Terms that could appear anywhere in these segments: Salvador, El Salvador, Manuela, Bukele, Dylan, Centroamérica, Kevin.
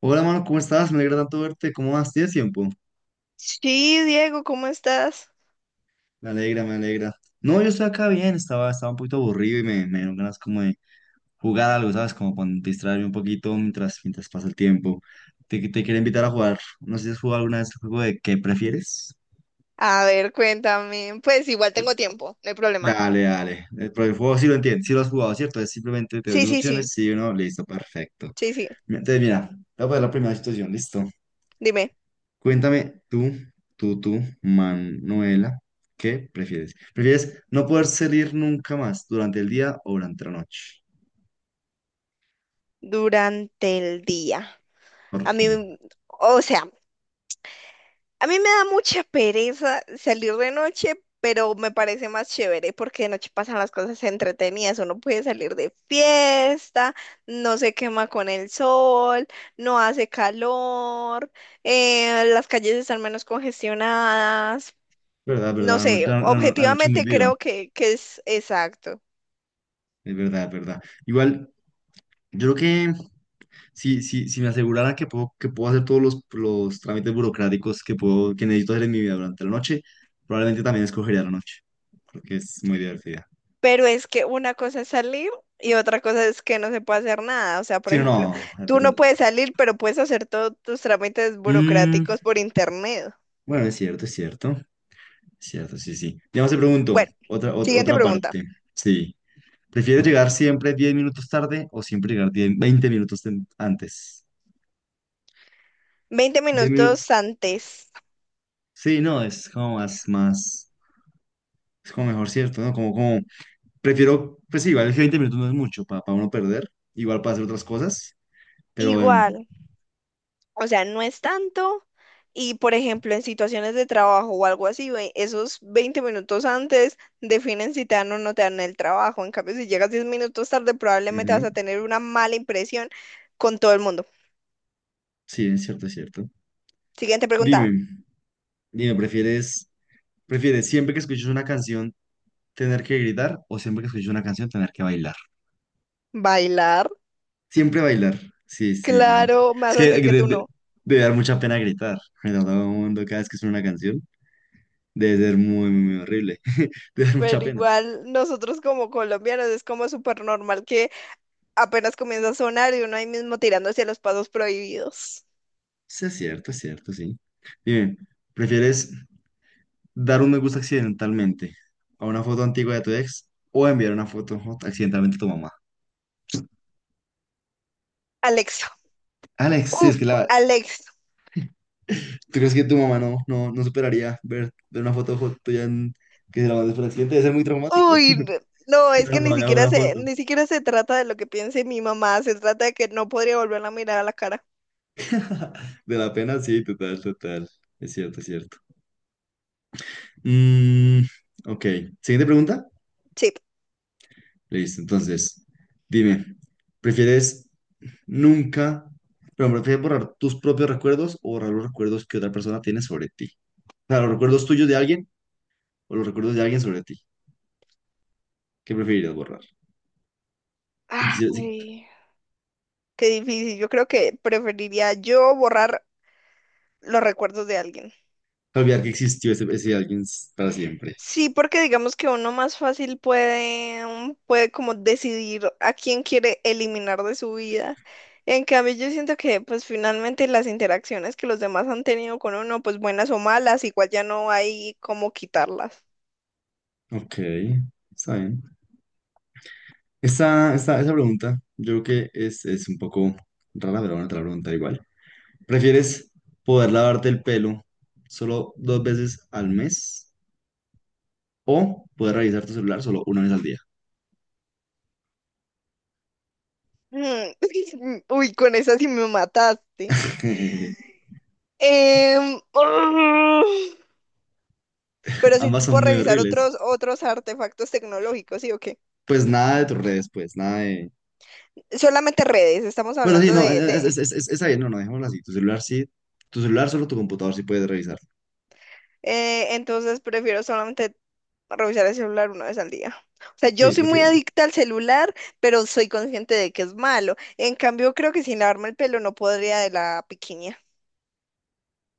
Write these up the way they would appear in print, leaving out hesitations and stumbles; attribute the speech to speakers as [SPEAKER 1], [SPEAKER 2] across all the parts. [SPEAKER 1] Hola, mano, ¿cómo estás? Me alegra tanto verte. ¿Cómo vas? ¿Tienes tiempo?
[SPEAKER 2] Sí, Diego, ¿cómo estás?
[SPEAKER 1] Me alegra, me alegra. No, yo estoy acá bien, estaba un poquito aburrido y me dieron ganas como de jugar algo, ¿sabes? Como para distraerme un poquito mientras pasa el tiempo. Te quería invitar a jugar. No sé si has jugado alguna vez el juego de ¿qué prefieres?
[SPEAKER 2] A ver, cuéntame. Pues igual tengo tiempo, no hay problema.
[SPEAKER 1] Dale, dale. Pero el juego sí lo entiendes, sí lo has jugado, ¿cierto? Es simplemente te doy
[SPEAKER 2] Sí,
[SPEAKER 1] dos
[SPEAKER 2] sí,
[SPEAKER 1] opciones,
[SPEAKER 2] sí,
[SPEAKER 1] sí o no, listo, perfecto.
[SPEAKER 2] sí, sí.
[SPEAKER 1] Entonces, mira, te voy a poner la primera situación, listo.
[SPEAKER 2] Dime.
[SPEAKER 1] Cuéntame tú, Manuela, ¿qué prefieres? ¿Prefieres no poder salir nunca más durante el día o durante la noche?
[SPEAKER 2] Durante el día.
[SPEAKER 1] ¿Por
[SPEAKER 2] A mí,
[SPEAKER 1] qué?
[SPEAKER 2] o sea, a mí me da mucha pereza salir de noche, pero me parece más chévere porque de noche pasan las cosas entretenidas. Uno puede salir de fiesta, no se quema con el sol, no hace calor, las calles están menos congestionadas.
[SPEAKER 1] ¿Verdad,
[SPEAKER 2] No
[SPEAKER 1] verdad? La
[SPEAKER 2] sé,
[SPEAKER 1] noche, la noche es muy
[SPEAKER 2] objetivamente
[SPEAKER 1] viva.
[SPEAKER 2] creo que es exacto,
[SPEAKER 1] Es verdad, es verdad. Igual, yo creo que si me asegurara que puedo hacer todos los trámites burocráticos que necesito hacer en mi vida durante la noche, probablemente también escogería la noche, porque es muy divertida.
[SPEAKER 2] pero es que una cosa es salir y otra cosa es que no se puede hacer nada. O sea, por
[SPEAKER 1] Sí, no,
[SPEAKER 2] ejemplo,
[SPEAKER 1] no, es
[SPEAKER 2] tú
[SPEAKER 1] verdad.
[SPEAKER 2] no puedes salir, pero puedes hacer todos tus trámites
[SPEAKER 1] Mm,
[SPEAKER 2] burocráticos por internet.
[SPEAKER 1] bueno, es cierto, es cierto. Cierto, sí, sí. Digamos, te pregunto,
[SPEAKER 2] Bueno, siguiente
[SPEAKER 1] otra
[SPEAKER 2] pregunta.
[SPEAKER 1] parte. Sí. ¿Prefieres llegar siempre 10 minutos tarde o siempre llegar 10 20 minutos antes?
[SPEAKER 2] 20
[SPEAKER 1] 10 minutos.
[SPEAKER 2] minutos antes.
[SPEAKER 1] Sí, no, es como más, es como mejor, ¿cierto? ¿No? Prefiero, pues sí, igual que 20 minutos no es mucho para uno perder, igual para hacer otras cosas, pero,
[SPEAKER 2] Igual. O sea, no es tanto. Y por ejemplo, en situaciones de trabajo o algo así, esos 20 minutos antes definen si te dan o no te dan el trabajo. En cambio, si llegas 10 minutos tarde, probablemente vas
[SPEAKER 1] ujú,
[SPEAKER 2] a tener una mala impresión con todo el mundo.
[SPEAKER 1] sí, es cierto, es cierto.
[SPEAKER 2] Siguiente pregunta.
[SPEAKER 1] Dime, dime, ¿ prefieres siempre que escuches una canción tener que gritar o siempre que escuches una canción tener que bailar?
[SPEAKER 2] ¿Bailar?
[SPEAKER 1] Siempre bailar. Sí, sí, no.
[SPEAKER 2] Claro, me
[SPEAKER 1] Es
[SPEAKER 2] vas a
[SPEAKER 1] que
[SPEAKER 2] decir que tú no.
[SPEAKER 1] debe dar mucha pena gritar. A todo el mundo cada vez que suena una canción. Debe ser muy, muy, muy horrible. Debe dar mucha
[SPEAKER 2] Pero
[SPEAKER 1] pena.
[SPEAKER 2] igual nosotros como colombianos es como súper normal que apenas comienza a sonar y uno ahí mismo tirando hacia los pasos prohibidos.
[SPEAKER 1] Sí, es cierto, sí. Dime, ¿prefieres dar un me gusta accidentalmente a una foto antigua de tu ex o enviar una foto accidentalmente a tu mamá?
[SPEAKER 2] Alexa.
[SPEAKER 1] Alex, sí, es
[SPEAKER 2] Uf,
[SPEAKER 1] que la.
[SPEAKER 2] ¡Alexa!
[SPEAKER 1] ¿Tú crees que tu mamá no, no, no superaría ver una foto tuya que se la mandes por accidente? Debe ser muy traumático.
[SPEAKER 2] Uy, no,
[SPEAKER 1] Que
[SPEAKER 2] es
[SPEAKER 1] la
[SPEAKER 2] que ni
[SPEAKER 1] mamá haga
[SPEAKER 2] siquiera
[SPEAKER 1] una
[SPEAKER 2] se,
[SPEAKER 1] foto.
[SPEAKER 2] ni siquiera se trata de lo que piense mi mamá, se trata de que no podría volverla a mirar a la cara.
[SPEAKER 1] De la pena, sí, total, total. Es cierto, es cierto. Mm, ok, siguiente pregunta.
[SPEAKER 2] Sí.
[SPEAKER 1] Listo, entonces, dime, ¿prefieres nunca, pero prefieres borrar tus propios recuerdos o borrar los recuerdos que otra persona tiene sobre ti? O sea, los recuerdos tuyos de alguien o los recuerdos de alguien sobre ti. ¿Qué preferirías borrar? Si quisieras
[SPEAKER 2] Ay, qué difícil. Yo creo que preferiría yo borrar los recuerdos de alguien.
[SPEAKER 1] olvidar que existió ese alguien para siempre.
[SPEAKER 2] Sí, porque digamos que uno más fácil puede, mm, puede como decidir a quién quiere eliminar de su vida. En cambio, yo siento que pues finalmente las interacciones que los demás han tenido con uno, pues buenas o malas, igual ya no hay cómo quitarlas.
[SPEAKER 1] Ok, está bien. Esa pregunta, yo creo que es un poco rara, pero bueno, te la pregunta igual. ¿Prefieres poder lavarte el pelo solo dos veces al mes o poder revisar tu celular solo una vez al día?
[SPEAKER 2] Mm. Uy, con esa sí me mataste. Em, pero sí
[SPEAKER 1] Ambas
[SPEAKER 2] puedo
[SPEAKER 1] son muy
[SPEAKER 2] revisar
[SPEAKER 1] horribles.
[SPEAKER 2] otros artefactos tecnológicos, ¿sí o qué?
[SPEAKER 1] Pues nada de tus redes, pues nada de.
[SPEAKER 2] Solamente redes, estamos
[SPEAKER 1] Bueno, sí,
[SPEAKER 2] hablando
[SPEAKER 1] no, está bien, no, no, dejémoslo así. Tu celular sí, tu celular solo tu computador sí puedes revisar.
[SPEAKER 2] entonces prefiero solamente revisar el celular una vez al día. O sea, yo
[SPEAKER 1] Sí,
[SPEAKER 2] soy muy
[SPEAKER 1] porque
[SPEAKER 2] adicta al celular, pero soy consciente de que es malo. En cambio, creo que sin lavarme el pelo no podría de la piquiña.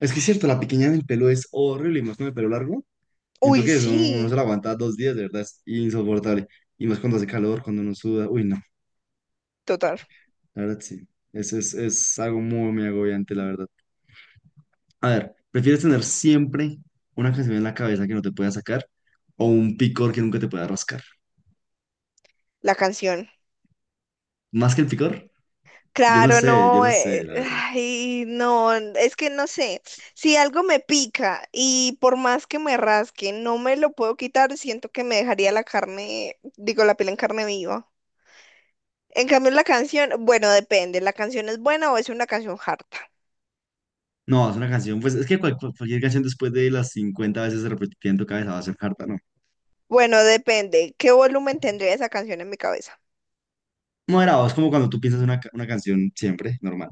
[SPEAKER 1] es que es cierto, la pequeña del pelo es horrible y más con el pelo largo. ¿Y
[SPEAKER 2] Uy,
[SPEAKER 1] entonces? Que eso uno se
[SPEAKER 2] sí,
[SPEAKER 1] lo aguanta 2 días, de verdad, es insoportable. Y más cuando hace calor, cuando uno suda. Uy, no,
[SPEAKER 2] total.
[SPEAKER 1] la verdad sí. Eso es algo muy, muy agobiante, la verdad. A ver, ¿prefieres tener siempre una canción en la cabeza que no te pueda sacar o un picor que nunca te pueda rascar?
[SPEAKER 2] La canción.
[SPEAKER 1] ¿Más que el picor?
[SPEAKER 2] Claro,
[SPEAKER 1] Yo
[SPEAKER 2] no,
[SPEAKER 1] no sé, la verdad.
[SPEAKER 2] ay, no, es que no sé, si algo me pica y por más que me rasque, no me lo puedo quitar, siento que me dejaría la carne, digo, la piel en carne viva. En cambio, la canción, bueno, depende, ¿la canción es buena o es una canción harta?
[SPEAKER 1] No, es una canción, pues es que cualquier canción después de las 50 veces repetida en tu cabeza va a ser harta, ¿no?
[SPEAKER 2] Bueno, depende, ¿qué volumen tendría esa canción en mi cabeza?
[SPEAKER 1] Moderado, es como cuando tú piensas una canción siempre, normal.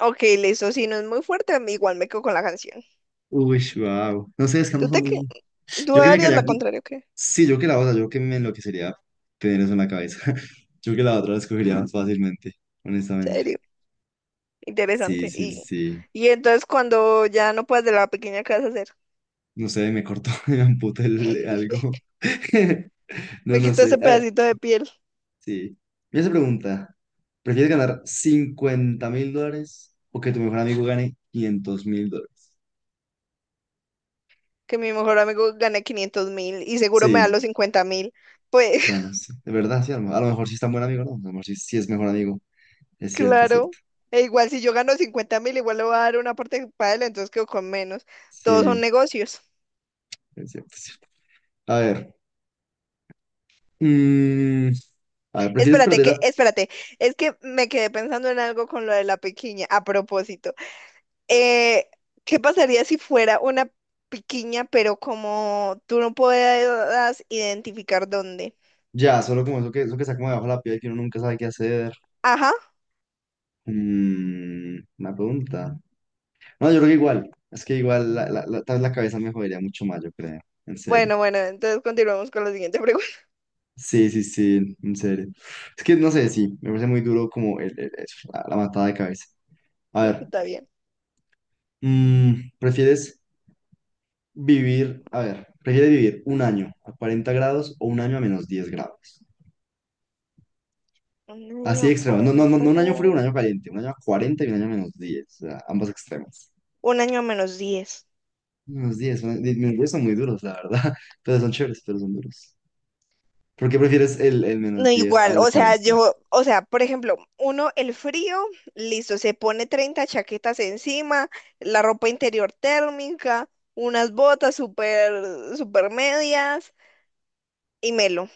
[SPEAKER 2] Ok, listo, si no es muy fuerte, igual me quedo con la canción.
[SPEAKER 1] Uy, wow. No sé, es que no
[SPEAKER 2] ¿Tú
[SPEAKER 1] son
[SPEAKER 2] te que,
[SPEAKER 1] muy.
[SPEAKER 2] tú
[SPEAKER 1] Yo que me
[SPEAKER 2] harías la
[SPEAKER 1] quedaría.
[SPEAKER 2] contraria, ¿o qué?
[SPEAKER 1] Sí, yo que la otra, yo que me enloquecería tener eso en la cabeza. Yo que la otra la escogería más fácilmente, honestamente.
[SPEAKER 2] Serio,
[SPEAKER 1] Sí,
[SPEAKER 2] interesante.
[SPEAKER 1] sí,
[SPEAKER 2] Y,
[SPEAKER 1] sí.
[SPEAKER 2] y entonces cuando ya no puedas de la pequeña, ¿qué vas a hacer?
[SPEAKER 1] No sé, me cortó, me amputé algo. No,
[SPEAKER 2] Me
[SPEAKER 1] no
[SPEAKER 2] quito
[SPEAKER 1] sé.
[SPEAKER 2] ese
[SPEAKER 1] Ah,
[SPEAKER 2] pedacito de piel.
[SPEAKER 1] sí. Mira esa pregunta. ¿Prefieres ganar $50.000 o que tu mejor amigo gane $500.000?
[SPEAKER 2] Que mi mejor amigo gane 500.000 y seguro me da
[SPEAKER 1] Sí,
[SPEAKER 2] los 50.000. Pues
[SPEAKER 1] bueno, sí. De verdad, sí. A lo mejor sí es tan buen amigo, ¿no? A lo mejor sí, sí es mejor amigo. Es cierto, es
[SPEAKER 2] claro,
[SPEAKER 1] cierto.
[SPEAKER 2] e igual si yo gano 50.000, igual le voy a dar una parte para él, entonces quedo con menos. Todos son
[SPEAKER 1] Sí,
[SPEAKER 2] negocios.
[SPEAKER 1] es cierto, es cierto. A ver. mm, a ver, ¿prefieres
[SPEAKER 2] Espérate,
[SPEAKER 1] perder
[SPEAKER 2] que, espérate, es que me quedé pensando en algo con lo de la piquiña, a propósito. Eh, ¿Qué pasaría si fuera una piquiña, pero como tú no puedas identificar dónde?
[SPEAKER 1] ya solo como eso que está como debajo de la piel que uno nunca sabe qué hacer?
[SPEAKER 2] Ajá.
[SPEAKER 1] Una pregunta. No, yo creo que igual. Es que igual, la tal vez la cabeza me jodería mucho más, yo creo. En serio.
[SPEAKER 2] Bueno, bueno, entonces continuamos con la siguiente
[SPEAKER 1] Sí, sí, sí, en serio. Es que no sé, sí, me parece muy duro como eso, la matada de cabeza. A ver,
[SPEAKER 2] pregunta, bien.
[SPEAKER 1] mm, ¿prefieres prefieres vivir un año a 40 grados o un año a -10 grados?
[SPEAKER 2] Un
[SPEAKER 1] Así de
[SPEAKER 2] año
[SPEAKER 1] extremo. No, no, no,
[SPEAKER 2] 40
[SPEAKER 1] no un año frío, un
[SPEAKER 2] grados.
[SPEAKER 1] año caliente. Un año a 40 y un año a -10. O sea, ambos extremos.
[SPEAKER 2] Un año a -10.
[SPEAKER 1] -10 son muy duros, la verdad. Pero son chéveres, pero son duros. ¿Por qué prefieres el menos
[SPEAKER 2] No,
[SPEAKER 1] 10
[SPEAKER 2] igual,
[SPEAKER 1] al
[SPEAKER 2] o sea,
[SPEAKER 1] 40?
[SPEAKER 2] yo, o sea, por ejemplo, uno, el frío, listo, se pone 30 chaquetas encima, la ropa interior térmica, unas botas súper, súper medias y melo.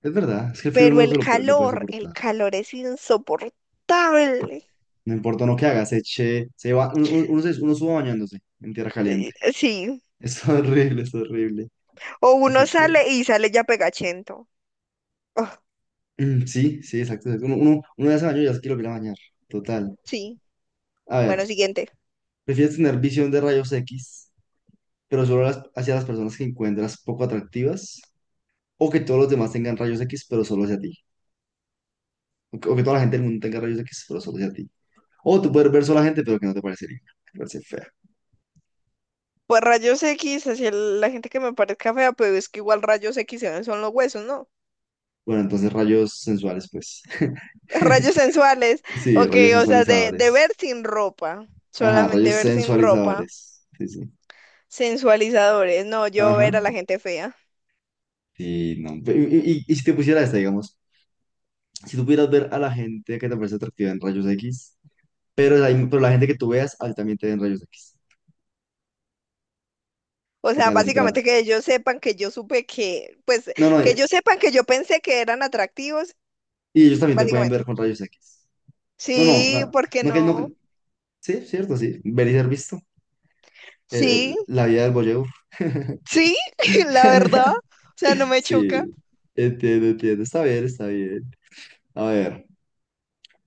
[SPEAKER 1] Es verdad, es que el frío
[SPEAKER 2] Pero
[SPEAKER 1] uno no se lo puede
[SPEAKER 2] el
[SPEAKER 1] soportar.
[SPEAKER 2] calor es insoportable.
[SPEAKER 1] No importa uno que haga, se eche, se va, uno suba bañándose en tierra caliente.
[SPEAKER 2] Sí,
[SPEAKER 1] Es horrible, es horrible.
[SPEAKER 2] o
[SPEAKER 1] Eso
[SPEAKER 2] uno
[SPEAKER 1] es cierto.
[SPEAKER 2] sale y sale ya pegachento. Oh,
[SPEAKER 1] Mm, sí, sí, exacto, exacto. Uno ya se bañó y ya se quiere volver a bañar. Total.
[SPEAKER 2] sí,
[SPEAKER 1] A
[SPEAKER 2] bueno,
[SPEAKER 1] ver,
[SPEAKER 2] siguiente.
[SPEAKER 1] ¿prefieres tener visión de rayos X, pero solo hacia las personas que encuentras poco atractivas? ¿O que todos los demás tengan rayos X, pero solo hacia ti? O que toda la gente del mundo tenga rayos X, pero solo hacia ti. O tú puedes ver solo a la gente, pero que no te parece linda. Te parece fea.
[SPEAKER 2] Pues rayos X, hacia la gente que me parezca fea, pero es que igual rayos X se ven son los huesos, ¿no?
[SPEAKER 1] Bueno, entonces rayos sensuales, pues.
[SPEAKER 2] Rayos sensuales,
[SPEAKER 1] Sí,
[SPEAKER 2] ok,
[SPEAKER 1] rayos
[SPEAKER 2] o sea, de ver
[SPEAKER 1] sensualizadores.
[SPEAKER 2] sin ropa,
[SPEAKER 1] Ajá,
[SPEAKER 2] solamente
[SPEAKER 1] rayos
[SPEAKER 2] ver sin ropa,
[SPEAKER 1] sensualizadores. Sí, sí.
[SPEAKER 2] sensualizadores, no, yo
[SPEAKER 1] Ajá.
[SPEAKER 2] ver a la gente fea.
[SPEAKER 1] Sí, no. Y si te pusiera esta, digamos, si tú pudieras ver a la gente que te parece atractiva en rayos X, pero, pero la gente que tú veas, a ti también te ven rayos X.
[SPEAKER 2] O
[SPEAKER 1] ¿Qué
[SPEAKER 2] sea,
[SPEAKER 1] tal ese trato?
[SPEAKER 2] básicamente que ellos sepan que yo supe que, pues,
[SPEAKER 1] No, no,
[SPEAKER 2] que
[SPEAKER 1] y
[SPEAKER 2] ellos sepan que yo pensé que eran atractivos,
[SPEAKER 1] y ellos también te pueden
[SPEAKER 2] básicamente.
[SPEAKER 1] ver con rayos X. No, no,
[SPEAKER 2] Sí,
[SPEAKER 1] no,
[SPEAKER 2] ¿por qué
[SPEAKER 1] no que no.
[SPEAKER 2] no?
[SPEAKER 1] Sí, cierto, sí. Ver y ser visto. El-
[SPEAKER 2] Sí,
[SPEAKER 1] el- la vida del voyeur.
[SPEAKER 2] sí, la verdad, o sea, no me choca.
[SPEAKER 1] Sí, entiendo, entiendo. Está bien, está bien. A ver,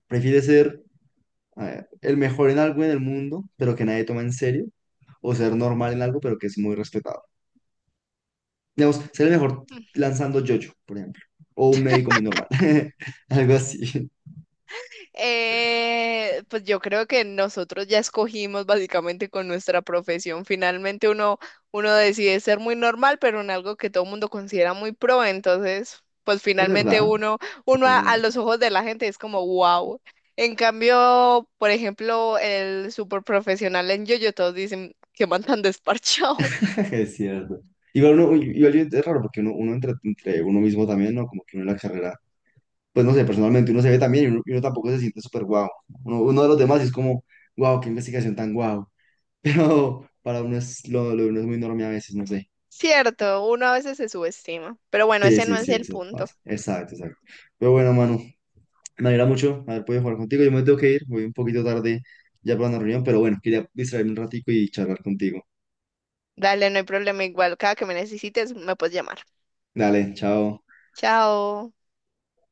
[SPEAKER 1] ¿prefieres ser a ver, el mejor en algo en el mundo, pero que nadie toma en serio? ¿O ser normal en algo, pero que es muy respetado? Digamos, ser el mejor lanzando yoyo, por ejemplo. O un médico muy normal. Algo así.
[SPEAKER 2] Pues yo creo que nosotros ya escogimos básicamente con nuestra profesión. Finalmente uno decide ser muy normal, pero en algo que todo el mundo considera muy pro. Entonces, pues
[SPEAKER 1] Es
[SPEAKER 2] finalmente
[SPEAKER 1] verdad,
[SPEAKER 2] uno,
[SPEAKER 1] es
[SPEAKER 2] uno a,
[SPEAKER 1] verdad.
[SPEAKER 2] a los ojos de la gente es como wow. En cambio, por ejemplo, el super profesional en yo todos dicen que man tan desparchado.
[SPEAKER 1] Es cierto. Igual uno, igual es raro porque uno entre uno mismo también, ¿no? Como que uno en la carrera, pues no sé, personalmente uno se ve también y uno tampoco se siente súper guau. Uno de los demás es como, guau, qué investigación tan guau. Pero para uno lo de uno es muy enorme a veces, no sé.
[SPEAKER 2] Cierto, uno a veces se subestima. Pero bueno,
[SPEAKER 1] Sí,
[SPEAKER 2] ese no
[SPEAKER 1] sí,
[SPEAKER 2] es
[SPEAKER 1] sí,
[SPEAKER 2] el
[SPEAKER 1] eso
[SPEAKER 2] punto.
[SPEAKER 1] pasa. Exacto, exacto. Pero bueno, Manu, me alegra mucho haber podido jugar contigo. Yo me tengo que ir, voy un poquito tarde ya para una reunión, pero bueno, quería distraerme un ratico y charlar contigo.
[SPEAKER 2] Dale, no hay problema. Igual, cada que me necesites, me puedes llamar.
[SPEAKER 1] Dale, chao.
[SPEAKER 2] Chao.